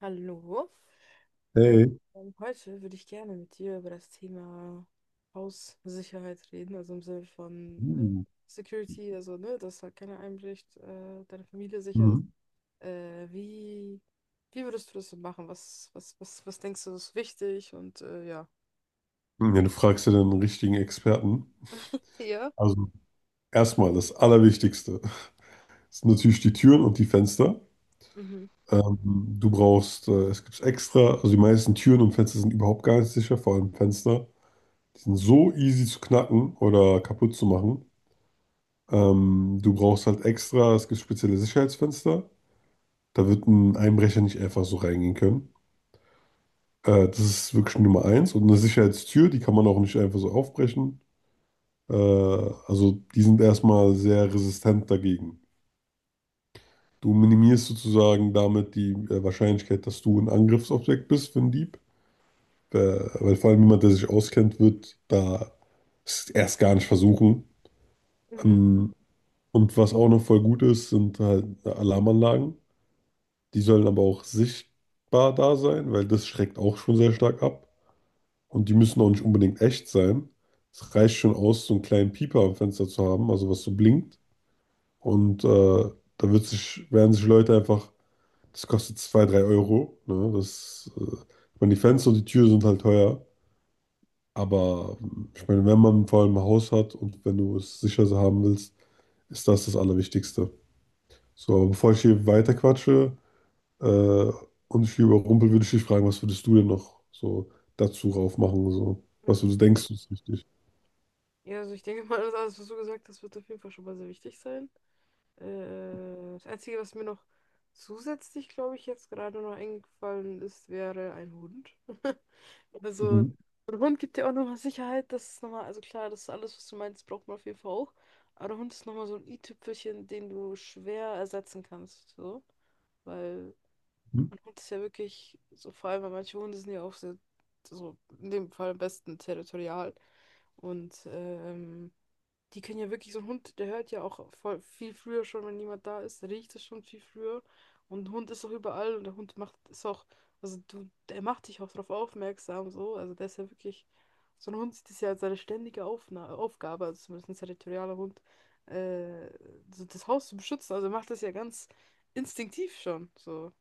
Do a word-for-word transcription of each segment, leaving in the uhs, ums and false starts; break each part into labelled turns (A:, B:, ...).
A: Hallo.
B: Hey.
A: Ähm, Heute würde ich gerne mit dir über das Thema Haussicherheit reden, also im Sinne von äh,
B: Mhm.
A: Security, also ne, dass halt keiner einbricht, äh, deine Familie sicher ist.
B: Mhm.
A: Äh, wie, wie würdest du das so machen? Was, was, was, was denkst du, ist wichtig? Und äh, ja.
B: Ja, du fragst ja den richtigen Experten.
A: Ja,
B: Also erstmal das Allerwichtigste ist natürlich die Türen und die Fenster.
A: mhm.
B: Ähm, du brauchst, äh, es gibt extra, also die meisten Türen und Fenster sind überhaupt gar nicht sicher, vor allem Fenster. Die sind so easy zu knacken oder kaputt zu machen. Ähm, du brauchst halt extra, es gibt spezielle Sicherheitsfenster. Da wird ein Einbrecher nicht einfach so reingehen können. Äh, das ist wirklich Nummer eins. Und eine Sicherheitstür, die kann man auch nicht einfach so aufbrechen. Äh, also die sind erstmal sehr resistent dagegen. Du minimierst sozusagen damit die äh, Wahrscheinlichkeit, dass du ein Angriffsobjekt bist für einen Dieb. Äh, weil vor allem jemand, der sich auskennt, wird da es erst gar nicht versuchen.
A: Mhm.
B: Ähm, und was auch noch voll gut ist, sind halt Alarmanlagen. Die sollen aber auch sichtbar da sein, weil das schreckt auch schon sehr stark ab. Und die müssen auch nicht unbedingt echt sein. Es reicht schon aus, so einen kleinen Pieper am Fenster zu haben, also was so blinkt. Und äh, da wird sich, werden sich Leute einfach, das kostet zwei drei Euro. Ne? Das, äh, ich meine, die Fenster und die Türen sind halt teuer. Aber ähm, ich meine, wenn man vor allem ein Haus hat und wenn du es sicher so haben willst, ist das das Allerwichtigste. So, aber bevor ich hier weiterquatsche äh, und ich hier überrumpel, würde ich dich fragen, was würdest du denn noch so dazu raufmachen? So? Was du
A: Mhm.
B: so denkst, ist wichtig.
A: Ja, also ich denke mal, das alles, was du gesagt hast, wird auf jeden Fall schon mal sehr wichtig sein. Äh, das Einzige, was mir noch zusätzlich, glaube ich, jetzt gerade noch eingefallen ist, wäre ein Hund. Also, so
B: Mhm.
A: ein Hund gibt dir auch nochmal Sicherheit. Das ist nochmal, also klar, das ist alles, was du meinst, braucht man auf jeden Fall auch. Aber der Hund ist nochmal so ein i-Tüpfelchen, den du schwer ersetzen kannst. So. Weil
B: Mhm.
A: ein Hund ist ja wirklich, so vor allem, weil manche Hunde sind ja auch sehr, so in dem Fall am besten territorial. Und ähm, die können ja wirklich, so ein Hund, der hört ja auch voll, viel früher schon, wenn niemand da ist, der riecht es schon viel früher. Und ein Hund ist auch überall und der Hund macht es auch, also du, der macht dich auch darauf aufmerksam, so. Also der ist ja wirklich, so ein Hund sieht es ja als seine ständige Aufna Aufgabe, also zumindest ein territorialer Hund, äh, so das Haus zu beschützen. Also er macht das ja ganz instinktiv schon, so.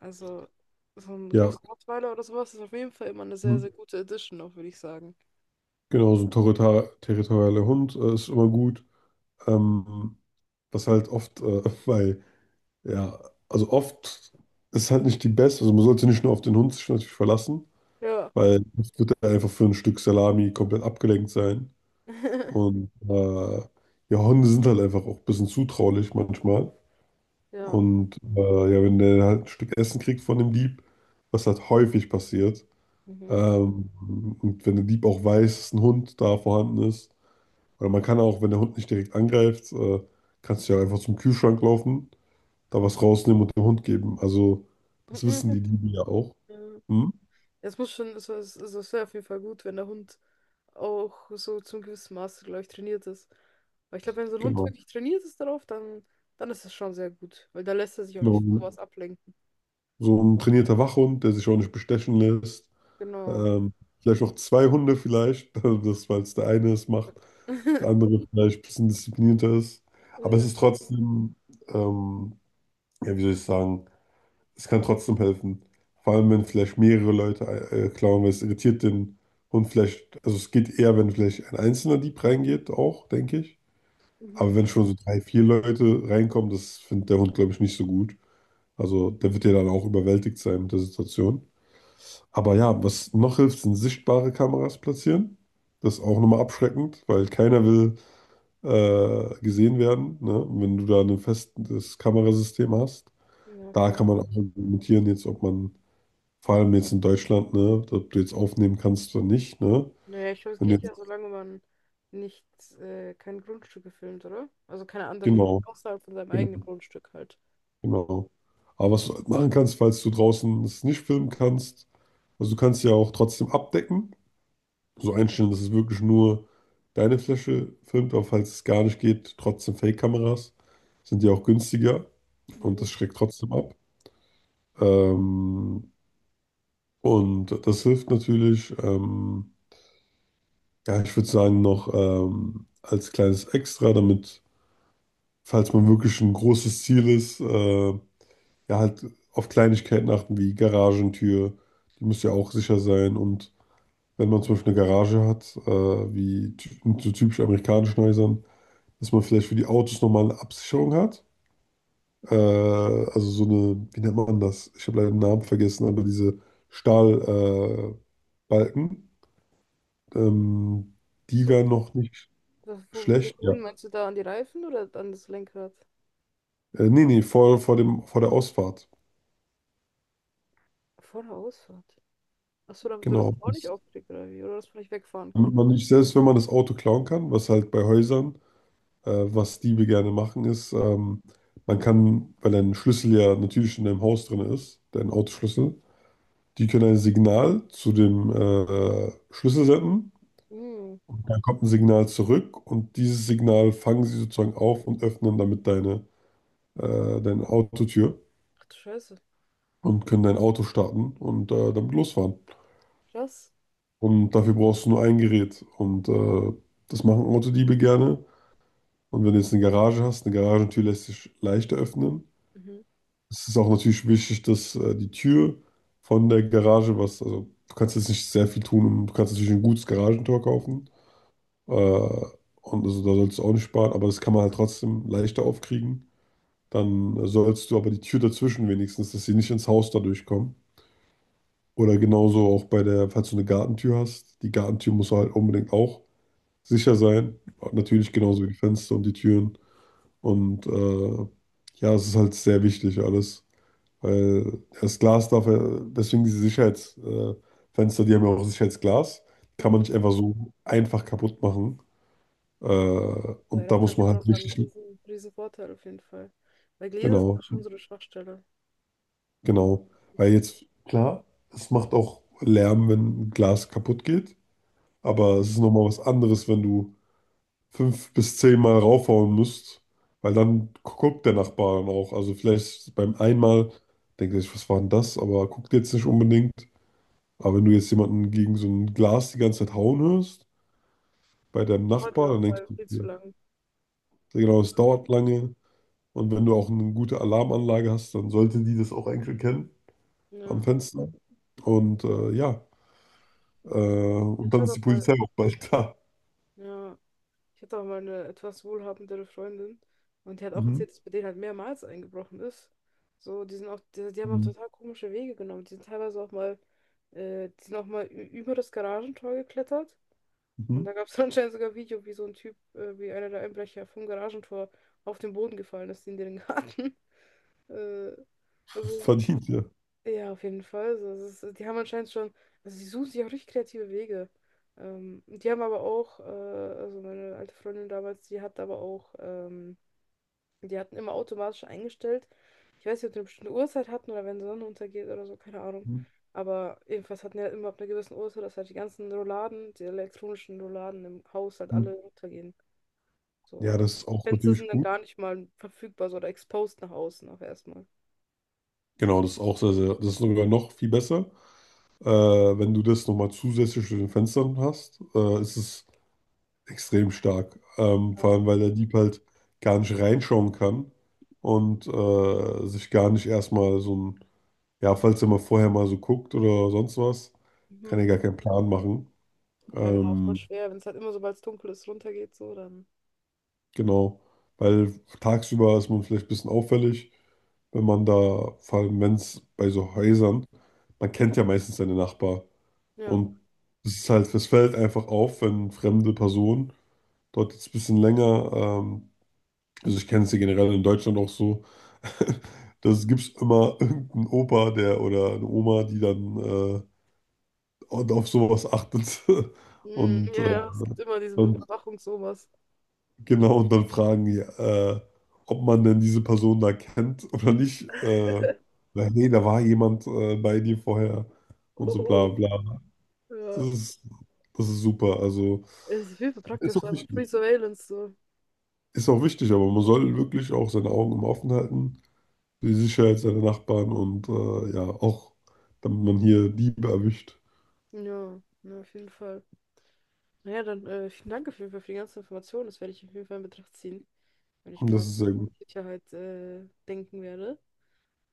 A: Also so ein
B: Ja,
A: großer Rottweiler oder sowas ist auf jeden Fall immer eine sehr,
B: mhm.
A: sehr gute Edition, auch würde ich sagen.
B: Genau, so ein territor- territorialer Hund äh, ist immer gut. Ähm, was halt oft äh, bei, ja, also oft ist halt nicht die beste, also man sollte nicht nur auf den Hund sich natürlich verlassen,
A: Ja.
B: weil oft wird er einfach für ein Stück Salami komplett abgelenkt sein. Und äh, ja, Hunde sind halt einfach auch ein bisschen zutraulich manchmal.
A: Ja.
B: Und äh, ja, wenn der halt ein Stück Essen kriegt von dem Dieb, was halt häufig passiert,
A: Mhm.
B: ähm, und wenn der Dieb auch weiß, dass ein Hund da vorhanden ist, oder man kann auch, wenn der Hund nicht direkt angreift, äh, kannst du ja einfach zum Kühlschrank laufen, da was rausnehmen und dem Hund geben. Also, das wissen die Diebe ja auch.
A: Ja.
B: Hm?
A: Es muss schon, also es, also es wäre auf jeden Fall gut, wenn der Hund auch so zum gewissen Maße, glaube ich, trainiert ist. Weil ich glaube, wenn so ein Hund
B: Genau,
A: wirklich trainiert ist darauf, dann, dann ist das schon sehr gut. Weil da lässt er sich auch nicht von
B: genau.
A: sowas ablenken.
B: So ein trainierter Wachhund, der sich auch nicht bestechen lässt.
A: Genau.
B: Ähm, vielleicht auch zwei Hunde vielleicht, das, weil es der eine es macht, der andere vielleicht ein bisschen disziplinierter ist. Aber es
A: Ja,
B: ist trotzdem, ähm, ja, wie soll ich sagen, es kann trotzdem helfen. Vor allem, wenn vielleicht mehrere Leute äh, klauen, weil es irritiert den Hund vielleicht. Also es geht eher, wenn vielleicht ein einzelner Dieb reingeht, auch, denke ich.
A: mhm.
B: Aber wenn schon so drei, vier Leute reinkommen, das findet der Hund, glaube ich, nicht so gut. Also der wird ja dann auch überwältigt sein mit der Situation. Aber ja, was noch hilft, sind sichtbare Kameras platzieren. Das ist auch nochmal abschreckend, weil keiner will äh, gesehen werden. Ne? Und wenn du da ein festes Kamerasystem hast,
A: Ja,
B: da
A: klar.
B: kann man auch argumentieren, jetzt, ob man vor allem jetzt in Deutschland, ne? Ob du jetzt aufnehmen kannst oder nicht, ne?
A: Naja, ich glaube, es
B: Wenn du
A: geht
B: jetzt,
A: ja, solange man nicht äh, kein Grundstück gefilmt, oder? Also keine anderen,
B: genau,
A: außerhalb von seinem
B: genau,
A: eigenen Grundstück halt.
B: genau. Aber was du halt machen kannst, falls du draußen es nicht filmen kannst, also du kannst ja auch trotzdem abdecken, so einstellen, dass es wirklich nur deine Fläche filmt, aber falls es gar nicht geht, trotzdem Fake-Kameras sind ja auch günstiger und
A: Mhm.
B: das schreckt trotzdem ab. Ähm, und das hilft natürlich, ähm, ja, ich würde sagen, noch ähm, als kleines Extra, damit. Falls man wirklich ein großes Ziel ist, äh, ja, halt auf Kleinigkeiten achten wie Garagentür, die muss ja auch sicher sein. Und wenn man zum Beispiel eine Garage hat, äh, wie ty- in so typisch amerikanischen Häusern, dass man vielleicht für die Autos nochmal eine Absicherung hat. Äh, also so eine, wie nennt man das? Ich habe leider den Namen vergessen, aber diese Stahlbalken, äh, Balken, ähm, die
A: So,
B: wären noch nicht
A: wo, wo,
B: schlecht. Ja.
A: wohin meinst du da, an die Reifen oder an das Lenkrad?
B: Äh, nee, nee, vor, vor dem, vor der Ausfahrt.
A: Vor der Ausfahrt. Achso, damit du das
B: Genau.
A: auch nicht aufkriegst, oder wie? Oder das vielleicht wegfahren
B: Damit
A: kann.
B: man nicht, selbst wenn man das Auto klauen kann, was halt bei Häusern, äh, was Diebe gerne machen, ist, ähm, man kann, weil ein Schlüssel ja natürlich in deinem Haus drin ist, dein Autoschlüssel, die können ein Signal zu dem äh, Schlüssel senden.
A: Hm.
B: Dann kommt ein Signal zurück und dieses Signal fangen sie sozusagen auf und öffnen damit deine, äh, deine Autotür
A: Ach du Scheiße.
B: und können dein Auto starten und äh, damit losfahren.
A: Krass.
B: Und dafür brauchst du nur ein Gerät. Und äh, das machen Autodiebe gerne. Und wenn du jetzt eine Garage hast, eine Garagentür lässt sich leichter öffnen.
A: Mhm.
B: Es ist auch natürlich wichtig, dass äh, die Tür von der Garage, was, also du kannst jetzt nicht sehr viel tun, und du kannst natürlich ein gutes Garagentor kaufen. Äh, und also da sollst du auch nicht sparen, aber das kann man halt trotzdem leichter aufkriegen. Dann sollst du aber die Tür dazwischen wenigstens, dass sie nicht ins Haus dadurch kommen. Oder genauso auch bei der, falls du eine Gartentür hast, die Gartentür muss halt unbedingt auch sicher sein. Natürlich
A: Mhm.
B: genauso wie die Fenster und die Türen. Und äh, ja, es ist halt sehr wichtig alles, weil das Glas darf, ja- deswegen diese Sicherheitsfenster, äh, Fenster, die haben ja auch Sicherheitsglas, kann man
A: Mhm.
B: nicht einfach so einfach kaputt machen. Äh,
A: Ja,
B: und da
A: das
B: muss
A: ist ja
B: man
A: auch
B: halt
A: nochmal ein
B: richtig,
A: riesen, riesen Vorteil auf jeden Fall. Weil Gläser sind ja
B: genau,
A: schon so eine Schwachstelle.
B: genau. Weil
A: Das,
B: jetzt, klar, es macht auch Lärm, wenn Glas kaputt geht,
A: ja,
B: aber es ist nochmal was anderes, wenn du fünf bis zehn Mal raufhauen musst, weil dann guckt der Nachbar dann auch. Also vielleicht beim einmal denkt er sich, was war denn das? Aber guckt jetzt nicht unbedingt. Aber wenn du jetzt jemanden gegen so ein Glas die ganze Zeit hauen hörst, bei deinem
A: dauert ja
B: Nachbar,
A: auch
B: dann denkst
A: mal
B: du,
A: viel zu
B: okay,
A: lang.
B: sehr
A: So.
B: genau, es dauert lange. Und wenn du auch eine gute Alarmanlage hast, dann sollte die das auch eigentlich erkennen am
A: Ja.
B: Fenster. Und äh, ja, äh,
A: Ich hatte,
B: und
A: ich
B: dann
A: hatte
B: ist die
A: auch mal,
B: Polizei auch bald da.
A: ja, ich hatte auch mal eine etwas wohlhabendere Freundin und die hat auch
B: Mhm.
A: erzählt, dass bei denen halt mehrmals eingebrochen ist. So, die sind auch, die, die haben auch
B: Mhm.
A: total komische Wege genommen. Die sind teilweise auch mal, äh, die sind auch mal ü- über das Garagentor geklettert. Und
B: Mhm.
A: da gab es anscheinend sogar ein Video, wie so ein Typ, äh, wie einer der Einbrecher vom Garagentor auf den Boden gefallen ist in den Garten. Äh, also so
B: Verdient, ja.
A: ja, auf jeden Fall. Also, es ist, die haben anscheinend schon, also sie suchen sich auch richtig kreative Wege. Ähm, die haben aber auch, äh, also meine alte Freundin damals, die hat aber auch, ähm, die hatten immer automatisch eingestellt. Ich weiß nicht, ob die eine bestimmte Uhrzeit hatten oder wenn die Sonne untergeht oder so, keine Ahnung.
B: Mhm.
A: Aber jedenfalls hatten die halt immer ab einer gewissen Uhrzeit, dass halt die ganzen Rouladen, die elektronischen Rouladen im Haus halt
B: Mhm.
A: alle runtergehen. So,
B: Ja,
A: äh,
B: das ist auch
A: Fenster
B: natürlich
A: sind dann
B: gut.
A: gar nicht mal verfügbar so, oder exposed nach außen auch erstmal.
B: Genau,
A: So.
B: das ist auch sehr, sehr, das ist sogar noch viel besser. Äh, wenn du das nochmal zusätzlich zu den Fenstern hast, äh, ist es extrem stark. Ähm, vor
A: Ja.
B: allem, weil der Dieb halt gar nicht reinschauen kann und äh, sich gar nicht erstmal so ein, ja, falls er mal vorher mal so guckt oder sonst was, kann
A: Mhm.
B: er gar keinen Plan machen.
A: Ja, genau, voll
B: Ähm,
A: schwer, wenn es halt immer, sobald es dunkel ist, runtergeht, so, dann.
B: genau, weil tagsüber ist man vielleicht ein bisschen auffällig, wenn man da, vor allem wenn es bei so Häusern, man kennt ja meistens seine Nachbarn.
A: Ja.
B: Und es ist halt, es fällt einfach auf, wenn fremde Personen dort jetzt ein bisschen länger, ähm, also ich kenne es ja generell in Deutschland auch so, das gibt's immer irgendeinen Opa, der oder eine Oma, die dann äh, und auf sowas achtet.
A: Mm,
B: Und,
A: ja,
B: äh,
A: ja, es gibt immer diese
B: und
A: Überwachung, sowas.
B: genau, und dann fragen die, äh, ob man denn diese Person da kennt oder nicht. Äh, weil, nee, da war jemand äh, bei dir vorher und so
A: Hoho.
B: bla bla. Das
A: Ja.
B: ist, das ist super. Also
A: Es ist viel
B: ist
A: praktisch,
B: auch
A: einfach Free
B: wichtig.
A: Surveillance, so.
B: Ist auch wichtig, aber man soll wirklich auch seine Augen immer offen halten für die Sicherheit seiner Nachbarn und äh, ja, auch damit man hier Diebe erwischt.
A: Ja, ja, auf jeden Fall. Naja, dann äh, vielen Dank auf jeden Fall für die ganzen Informationen. Das werde ich auf jeden Fall in Betracht ziehen, wenn ich
B: Und das
A: mal
B: ist sehr
A: auf
B: gut.
A: Sicherheit äh, denken werde.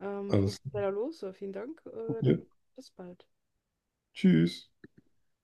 A: Ähm, ich muss
B: Alles klar.
A: leider los, aber vielen Dank. Äh, dann
B: Ja.
A: bis bald.
B: Tschüss.